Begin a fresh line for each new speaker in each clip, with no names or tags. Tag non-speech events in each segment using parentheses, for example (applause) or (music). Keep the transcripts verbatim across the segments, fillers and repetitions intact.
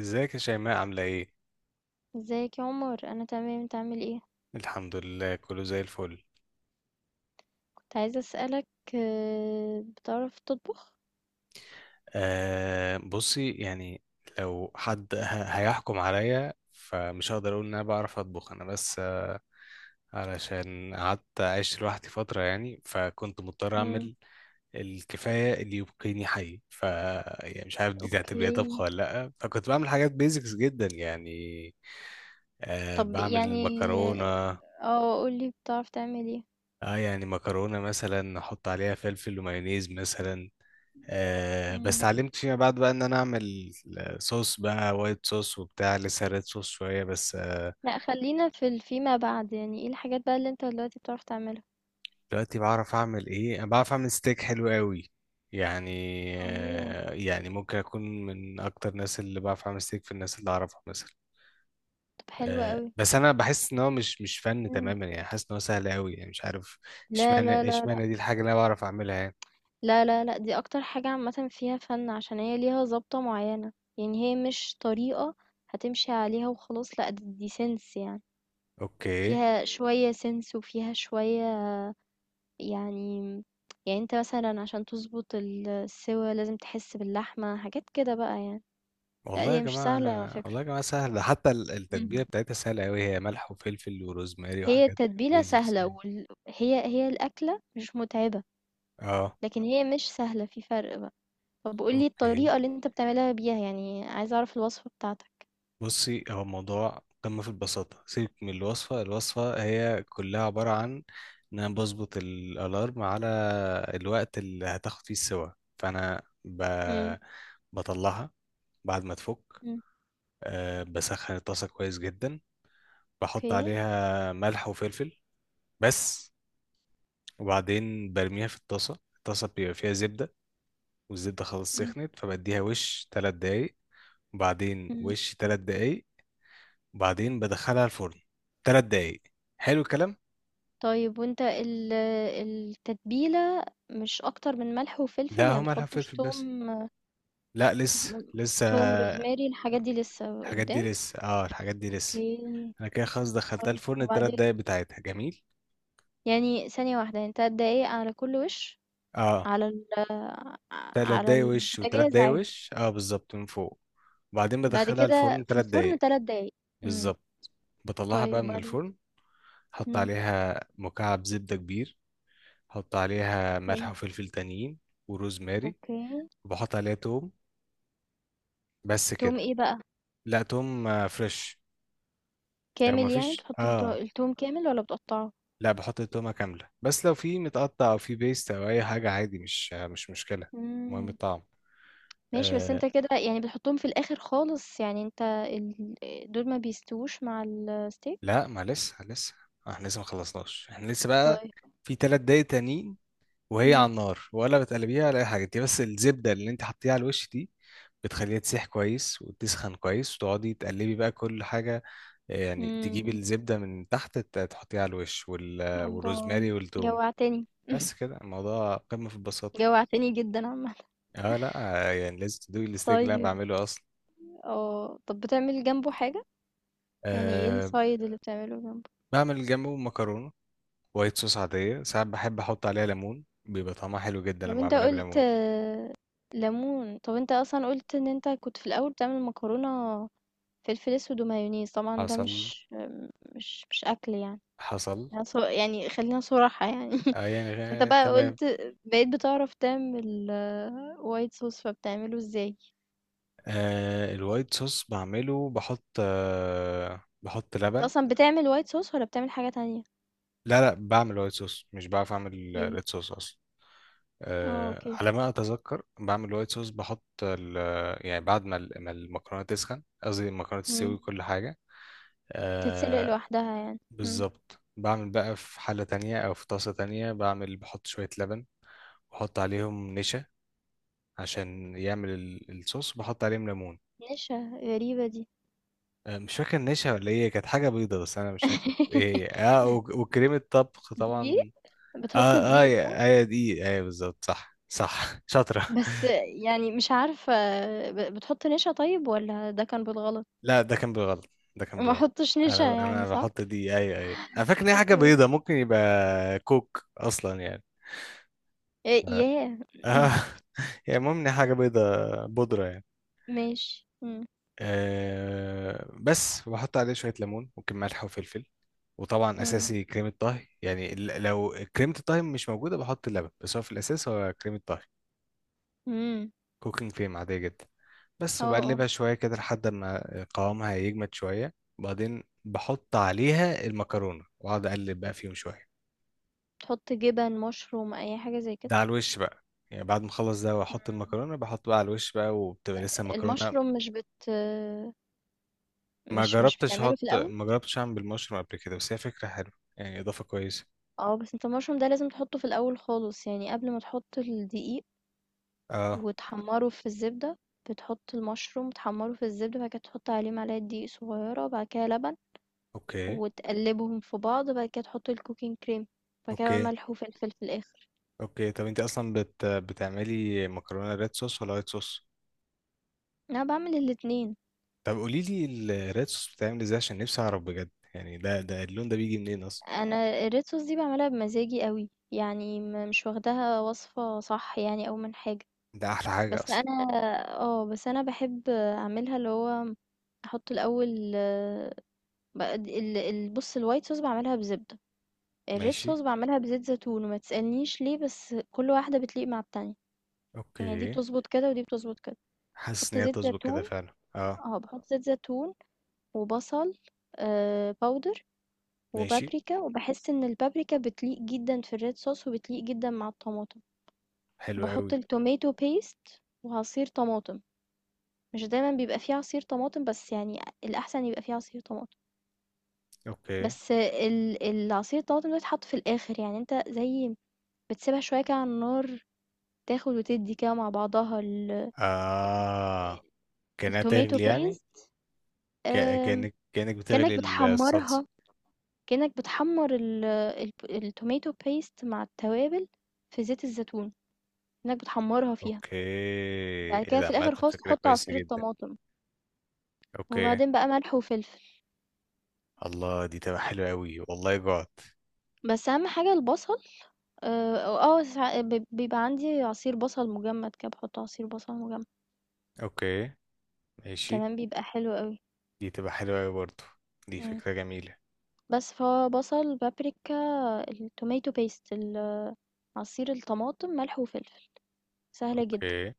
ازيك يا شيماء عاملة ايه؟
ازيك يا عمر، انا تمام، انت عامل ايه؟
الحمد لله كله زي الفل.
كنت عايزه اسالك آه، بتعرف تطبخ؟
آه، بصي يعني، لو حد ه- هيحكم عليا فمش هقدر اقول ان انا بعرف اطبخ. انا بس آه علشان قعدت عشت لوحدي فترة، يعني فكنت مضطر
امم.
اعمل الكفاية اللي يبقيني حي. ف يعني مش عارف دي
اوكي.
تعتبريها طبخ ولا لأ؟ فكنت بعمل حاجات بيزكس جدا يعني. آه،
طب
بعمل
يعني
مكرونة.
اه قولي بتعرف تعمل ايه؟
اه يعني مكرونة مثلا احط عليها فلفل ومايونيز مثلا. آه بس
امم.
اتعلمت فيما بعد بقى ان انا اعمل آه، صوص بقى، وايت صوص وبتاع، لسه ريد صوص شويه بس آه.
لا خلينا في ال- فيما بعد، يعني ايه الحاجات بقى اللي انت دلوقتي بتعرف تعملها؟
دلوقتي بعرف اعمل ايه؟ انا بعرف اعمل ستيك حلو قوي يعني.
اوه،
آه يعني ممكن اكون من اكتر الناس اللي بعرف اعمل ستيك في الناس اللي اعرفها مثلا.
طب حلوة
آه
قوي.
بس انا بحس ان هو مش مش فن
مم.
تماما يعني، حاسس ان هو سهل قوي يعني، مش عارف
لا لا
اشمعنى
لا،
اشمعنى دي الحاجه اللي انا بعرف اعملها يعني.
لا لا لا، دي اكتر حاجة عامة فيها فن عشان هي ليها ضابطة معينة، يعني هي مش طريقة هتمشي عليها وخلاص. لا دي، دي سنس يعني،
اوكي.
فيها شوية سنس وفيها شوية، يعني يعني أنت مثلًا عشان تضبط ال السِوَى لازم تحس باللحمة، حاجات كده بقى يعني. لأ
والله يا
هي مش
جماعة.
سهلة على فكرة.
والله يا جماعة سهل، ده حتى ال- التتبيلة
إمم.
بتاعتها سهلة أوي، هي ملح وفلفل وروزماري
هي
وحاجات
التتبيلة
بيزكس
سهلة
يعني.
وال هي هي الأكلة مش مُتعبة،
اه.
لكن هي مش سهلة، في فرق بقى. طب قُل لي
اوكي،
الطريقة اللي أنت بتعملها بيها، يعني عايزة أعرف الوصفة بتاعتك.
بصي هو الموضوع قمة في البساطة. سيبك من الوصفة، الوصفة هي كلها عبارة عن إن أنا بظبط الألارم على الوقت اللي هتاخد فيه السوا. فأنا ب...
إمم.
بطلعها بعد ما تفك.
إمم.
أه بسخن الطاسة كويس جدا، بحط
أوكي.
عليها ملح وفلفل بس، وبعدين برميها في الطاسة. الطاسة بيبقى فيها زبدة، والزبدة خلاص
إمم.
سخنت، فبديها وش تلات دقايق، وبعدين
إمم.
وش تلات دقايق، وبعدين بدخلها الفرن تلات دقايق. حلو الكلام.
طيب وأنت ال التتبيلة مش أكتر من ملح وفلفل،
لا،
يعني
هو
ما
مالها
بتحطّش
فلفل
توم
بس،
م
لا لسه لسه.
توم، روزماري، الحاجات دي لسه
الحاجات دي
قدّام؟
لسه، اه الحاجات دي لسه.
أوكي.
انا كده خلاص دخلتها
طيب
الفرن التلات
وبعدين؟
دقايق بتاعتها، جميل.
يعني ثانية واحدة، يعني 3 دقايق على كل وِش،
اه،
على ال
تلات
على
دقايق وش وتلات
البوتاجاز
دقايق
عادي،
وش، اه بالظبط من فوق. وبعدين
بعد
بدخلها
كده
الفرن
في
تلات
الفرن
دقايق
3 دقايق. إمم.
بالظبط. بطلعها بقى
طيب
من
وبعدين؟
الفرن، حط
إمم.
عليها مكعب زبدة كبير، احط عليها ملح
حلو.
وفلفل تانيين وروزماري،
أوكي.
وبحط عليها توم بس
توم
كده.
إيه بقى؟
لا توم آه، فريش. لو
كامل يعني
مفيش
بتحط الت
اه،
التوم كامل والّا بتقطّعه؟
لا بحط التومة كاملة، بس لو في متقطع او في بيست او اي حاجة عادي مش آه، مش مشكلة، المهم
إمم.
الطعم.
ماشي، بس
آه
أنت كده يعني بتحطهم في الآخر خالص، يعني أنت ال دول ما بيستووش مع الsteak؟
لا ما لسه لسه، احنا لسه ما خلصناش، احنا لسه بقى
طيب.
في تلات دقايق تانيين وهي
إمم.
على النار، ولا بتقلبيها ولا اي حاجه، دي بس الزبده اللي انت حطيها على الوش دي بتخليها تسيح كويس وتسخن كويس، وتقعدي تقلبي بقى كل حاجه. آه، يعني تجيبي
إمم.
الزبده من تحت، ت- تحطيها على الوش، وال...
الله!
والروزماري والثوم.
جوّعتني،
بس كده، الموضوع قمه في البساطه.
جوّعتني جدًا عامةً.
اه لا آه، يعني لازم تدوقي الستيك اللي انا
طيب،
بعمله اصلا.
اه طب بتعمل جنبه حاجة؟ يعني ايه
أه،
السايد اللي بتعمله جنبه؟
بعمل جنبه مكرونه، وايت صوص عاديه، ساعات بحب احط عليها ليمون بيبقى طعمها حلو جدا
طب
لما
انت
اعملها
قلت
بليمون.
آه، ليمون. طب انت اصلا قلت ان انت كنت في الاول بتعمل مكرونة فلفل اسود ومايونيز، طبعا ده
حصل.
مش مش مش اكل يعني،
حصل.
يعني ص- يعني خلينا صراحة يعني. (laughs)
اه يعني
انت
غ-
بقى
تمام.
قلت بقيت بتعرف تعمل وايت صوص، فبتعمله ازاي؟
آه، الوايت صوص بعمله بحط آه بحط
انت
لبن.
اصلا بتعمل وايت صوص ولا بتعمل حاجة تانية؟
لا لا، بعمل وايت صوص، مش بعرف اعمل
اوكي.
ريد صوص اصلا.
اه
آه،
اوكي.
على ما اتذكر بعمل وايت صوص، بحط ال- يعني بعد ما ال- ما المكرونه تسخن، قصدي المكرونه تستوي
مم.
وكل حاجه.
تتسلق
آه
لوحدها يعني. مم.
بالظبط. بعمل بقى في حله تانية او في طاسه تانية، بعمل بحط شويه لبن، بحط عليهم نشا عشان يعمل ال- الصوص، بحط عليهم ليمون.
نشا؟ غريبة دي.
آه، مش فاكر نشا ولا ايه، كانت حاجة بيضة بس انا مش فاكر ايه
(laughs)
هي. اه وك- وكريمة طبخ
دقيق؟
طبعا.
بتحط
اه اه
دقيق صح؟
يا- ايوه دي، ايوه بالظبط، صح صح. (laughs) شاطرة.
بس يعني مش عارفة، ب بتحط نشا طيب والّا ده كان بالغلط؟
لا، ده كان بالغلط، ده كان
ما
بالغلط.
احطش
انا
نشا يعني
انا
صح؟
بحط دي، ايوه ايوه، انا فاكر ان هي حاجة
أوكي.
بيضة، ممكن يبقى كوك اصلا يعني.
آآ
ف...
ياه!
اه. (laughs)
(laughs)
يعني المهم ان هي حاجة بيضة، بودرة يعني.
ماشي. إمم.
آه بس، وبحط عليه شوية ليمون، ممكن ملح وفلفل، وطبعا
إمم.
أساسي كريمة طهي يعني. ال- لو كريمة الطهي مش موجودة بحط اللبن، بس هو في الأساس هو كريمة طهي،
إمم.
كوكينج كريم عادية جدا بس.
آه. آه.
وبقلبها شوية كده لحد ما قوامها يجمد شوية، وبعدين بحط عليها المكرونة وأقعد أقلب بقى فيهم شوية.
تحط جبن، مشروم، أي حاجة زي كده؟
ده على الوش بقى، يعني بعد ما أخلص ده وأحط
إمم.
المكرونة، بحط بقى على الوش بقى وبتبقى لسه المكرونة.
المشروم مش بت
ما
مش مش
جربتش
بتعمله في
أحط،
الأول؟
ما جربتش أعمل بالمشروم قبل كده، بس هي فكرة حلوة يعني، إضافة كويسة.
آه، بس أنت المشروم ده لازم تحطه في الأول خالص، يعني قبل ما تحط الدقيق
اه.
وتحمّره في الزبدة، بتحط المشروم تحمّره في الزبدة، بعد كده تحط عليه معلقة دقيق صغيّرة، بعد كده لبن،
اوكي.
وتقلّبهم في بعض، بعد كده تحط الcooking cream، بعد كده بقى
اوكي.
ملح وفلفل في الآخر.
اوكي، طب انت اصلا بت... بتعملي مكرونه ريد صوص ولا وايت صوص؟
أنا باعمل الاتنين.
طب قولي لي الريد صوص بتعمل ازاي عشان نفسي اعرف بجد، يعني ده ده اللون ده بيجي منين اصلا؟
أنا الred sauce دي باعملها بمزاجي أوي، يعني م مش واخداها وصفة صح يعني أو من حاجة،
ده احلى حاجه
بس
اصلا.
أنا آه، بس أنا باحب أعملها اللي هو أحط الأول ب ال ال بُص الwhite sauce باعملها بزبدة. الred
ماشي.
sauce باعملها بزيت زيتون وما تسألنيش ليه، بس كل واحدة بتليق مع التانية، يعني دي
اوكي.
بتظبط كده ودي بتظبط كده.
حاسس
بحط
ان هي
زيت
تظبط كده
زيتون،
فعلا اه.
اه بحط زيت زيتون وبصل آه باودر
ماشي.
وبابريكا، وبحس ان البابريكا بتليق جدا في الريد صوص وبتليق جدا مع الطماطم.
حلو
بحط
قوي.
التوميتو بيست وعصير طماطم، مش دايما بيبقى فيه عصير طماطم بس يعني الاحسن يبقى فيه عصير طماطم.
اوكي.
بس ال- العصير الطماطم ده يتحط في الاخر، يعني انت زي بتسيبها شوية كده على النار، تاخد وتدّي كده مع بعضها ال
اه كانها
الtomato
تغلي يعني،
paste.
ك...
آمم،
كانك كانك بتغلي
كأنك
الصلصه.
بتحمّرها، كأنك بتحمّر ال الب الtomato paste مع التوابل في زيت الزيتون، كأنك بتحمّرها فيها.
اوكي.
بعد
ايه
كده
ده،
في
عامه
الآخر خالص
فكره
تحط
كويسه
عصير
جدا.
الطماطم،
اوكي.
وبعدين بقى ملح وفلفل.
الله، دي تبقى حلوة أوي، والله جوعت.
بس أهم حاجة البصل. آآ، آه آه، ساع ب بيبقى عندي عصير بصل مجمّد كده، باحط عصير بصل مجمّد،
أوكي. ماشي.
كمان بيبقى حلو أوي.
دي تبقى حلوة أوي برضه، دي
إمم.
فكرة جميلة.
بس فهو بصل، بابريكا، الtomato paste ال عصير الطماطم، ملح وفلفل. سهلة جدا.
أوكي.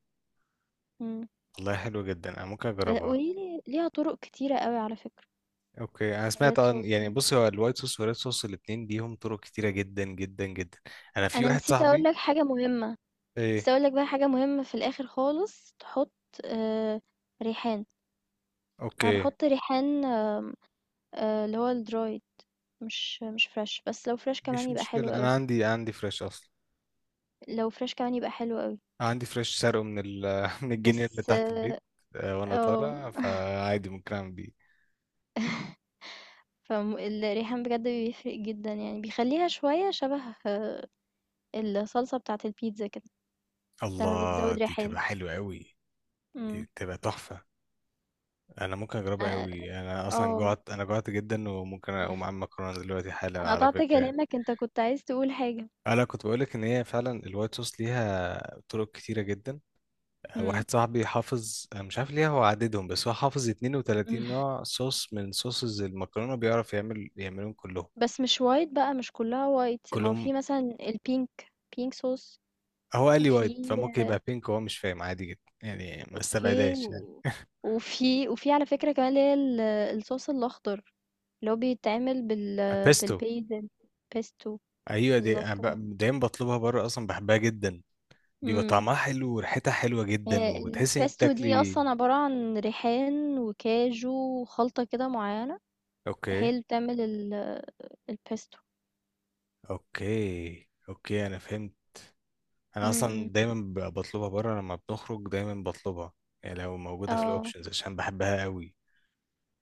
مم.
والله حلوة جدا، أنا ممكن
ب-
أجربها.
وهي ليها طرق كتيرة قوي على فكرة
أوكي. أنا سمعت
الريد
عن
صوص
يعني،
دي.
بصي هو الوايت صوص والريد صوص الاتنين ليهم طرق كتيرة جدا جدا جدا. أنا في
انا
واحد
نسيت اقول
صاحبي.
لك حاجة مهمة، نسيت
إيه؟
اقول لك بقى حاجة مهمة، في الاخر خالص تحط آه ريحان. انا
أوكي،
بحط ريحان، آه اللي هو الدرايد، مش مش فريش، بس لو فريش كمان
مش
يبقى حلو
مشكلة،
قوي.
أنا عندي، عندي فريش أصلا.
لو فريش كمان يبقى حلو قوي
عندي فريش سرقه من ال، (laughs) من الجنينة اللي
بس
تحت
اه
البيت. آه، وأنا طالع،
آه. (laughs)
فعادي ممكن أعمل بيه.
فالريحان بجد بيفرق جدا، يعني بيخليها شوية شبه آه، الصلصة بتاعة البيتزا كده لما
الله،
بتزود
دي
ريحان.
تبقى حلوة أوي،
مم.
دي تبقى تحفة. انا ممكن اجربها
آآ
قوي، انا اصلا
آه.
جوعت، انا جوعت جدا، وممكن اقوم اعمل مكرونه دلوقتي حالا
أنا
على
قطعت
فكره يعني.
كلامك، أنت كنت عايز تقول حاجة.
انا كنت بقولك ان هي فعلا الوايت صوص ليها طرق كتيره جدا.
إمم.
واحد صاحبي حافظ، أنا مش عارف ليه هو عددهم، بس هو حافظ
إمم.
اتنين وتلاتين
(laughs)
نوع صوص من صوصز المكرونه، بيعرف يعمل، يعملهم كلهم.
بس مش white بقى، مش كلّها white، ما هو
كلهم
في مثلًا الpink pink sauce.
هو قال لي
وفي
وايت، فممكن يبقى بينك وهو مش فاهم، عادي جدا يعني، ما
أوكي،
استبعدهاش يعني.
و وفي وفي على فكرة كمان اللي هي ال الصوص الأخضر، اللي هو بيتعمل بال
(laughs) بيستو.
بالbasil pesto.
ايوه دي
بالضبط
أنا
كده.
ب- دايما بطلبها بره، اصلا بحبها جدا. بيبقى
إمم.
طعمها حلو وريحتها حلوة جدا،
آآ
وتحس ان انت
الpesto دي
بتاكلي.
أصلًا عبارة عن ريحان وكاجو وخلطة كده معيّنة،
اوكي.
هي اللي بتعمل ال الpesto.
اوكي. اوكي انا فهمت. انا
إمم.
اصلا دايما ب- بطلبها بره، لما بنخرج دايما بطلبها يعني، لو موجودة في
اه
الاوبشنز عشان بحبها قوي.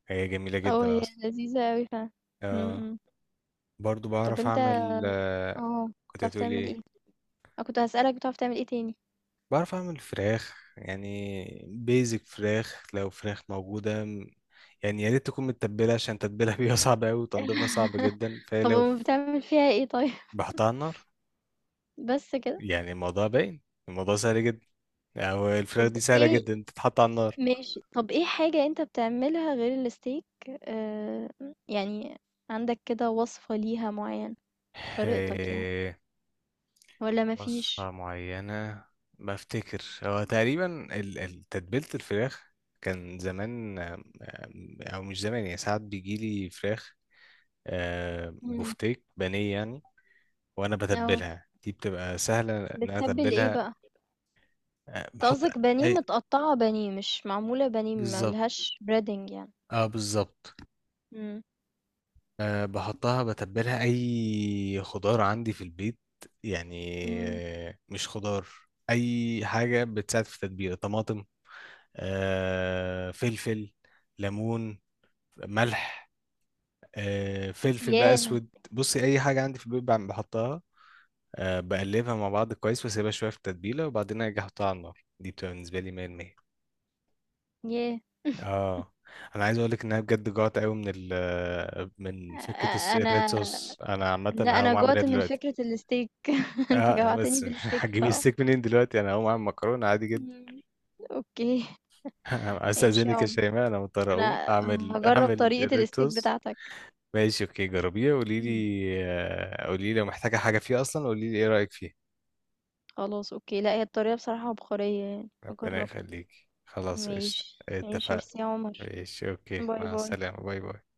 هي جميلة
اه
جدا
هي
اصلا.
لذيذة اوي فعلا.
آه.
م- م.
برضو
طب
بعرف
انت
اعمل آه.
اه
كنت
بتعرف
هتقولي
تعمل
ايه؟
ايه؟ انا كنت هسألك بتعرف تعمل ايه تاني؟
بعرف اعمل فراخ، يعني بيزك فراخ، لو فراخ موجودة م- يعني يا ريت تكون متبلة، عشان تتبيلها (laughs) بيها صعب قوي، وتنظيفها صعب
(laughs)
جدا،
طب
فلو
أم بتعمل فيها ايه طيب؟ (laughs)
بحطها على النار
بس كده؟
يعني، الموضوع باين، الموضوع سهل جدا. أو الفراخ
طب
دي سهلة
ايه،
جدا تتحط على النار.
ماشي طب ايه حاجة انت بتعملها غير الستيك؟ آه، يعني عندك كده وصفة ليها معينة، طريقتك يعني،
إيه،
ولا
وصفة
مفيش؟
معينة. بفتكر هو تقريبا ال- ال- تتبيلة الفراخ كان زمان آم، آم، أو مش زمان يعني، ساعات بيجيلي فراخ آه،
مم.
بفتيك بانيه يعني، وأنا
اه
بتبلها، دي بتبقى سهلة إن أنا
بتتبل ايه
أتبلها.
بقى؟
آه،
انت
بحط
قصدك بانيه
أي،
متقطعة، بانيه مش معمولة بانيه
بالظبط،
ملهاش بريدنج يعني؟
اه بالظبط. أه بحطها، بتبلها أي خضار عندي في البيت يعني.
مم.
آه، مش خضار، أي حاجة بتساعد في التتبيلة، طماطم، أه فلفل، ليمون، ملح، أه فلفل بقى
ياه!
أسود، بصي أي حاجة عندي في البيت بعم- بحطها. أه بقلبها مع بعض كويس، وأسيبها شوية في التتبيلة، وبعدين أجي أحطها على النار، دي بتبقى بالنسبة لي مية في المية.
ياه! (laughs)
اه، انا عايز اقول لك ان انا بجد جوعت قوي من ال، من فكره الس-
أ
الريد
أنا،
صوص. انا عامه
لأ، أنا
هقوم اعمل ايه
جُعت من
دلوقتي؟
فكرة الsteak. (laughs) أنت
اه بس
جوعتني
(laughs)
بالsteak
هتجيبي
الصراحة.
الستيك منين دلوقتي؟ انا هقوم اعمل مكرونه عادي جدا.
إمم. أوكي.
(laughs)
ماشي يا
استاذنك يا
عمر،
شيماء، انا مضطر اقوم
أنا
اعمل،
هاجرّب
اعمل
طريقة
الريد
الsteak
صوص.
بتاعتك.
ماشي اوكي، جربيه قولي لي.
إمم.
آه، قولي لي لو محتاجه حاجه فيه اصلا، قولي لي ايه رايك فيه.
خلاص أوكي، لأ، هي الطريقة بصراحة عبقرية يعني،
ربنا
هاجرّبها.
يخليكي، خلاص قشطه.
ماشي ماشي،
اتفقنا.
ميرسي يا عمر.
ماشي اوكي،
باي
مع
باي.
السلامه، باي باي.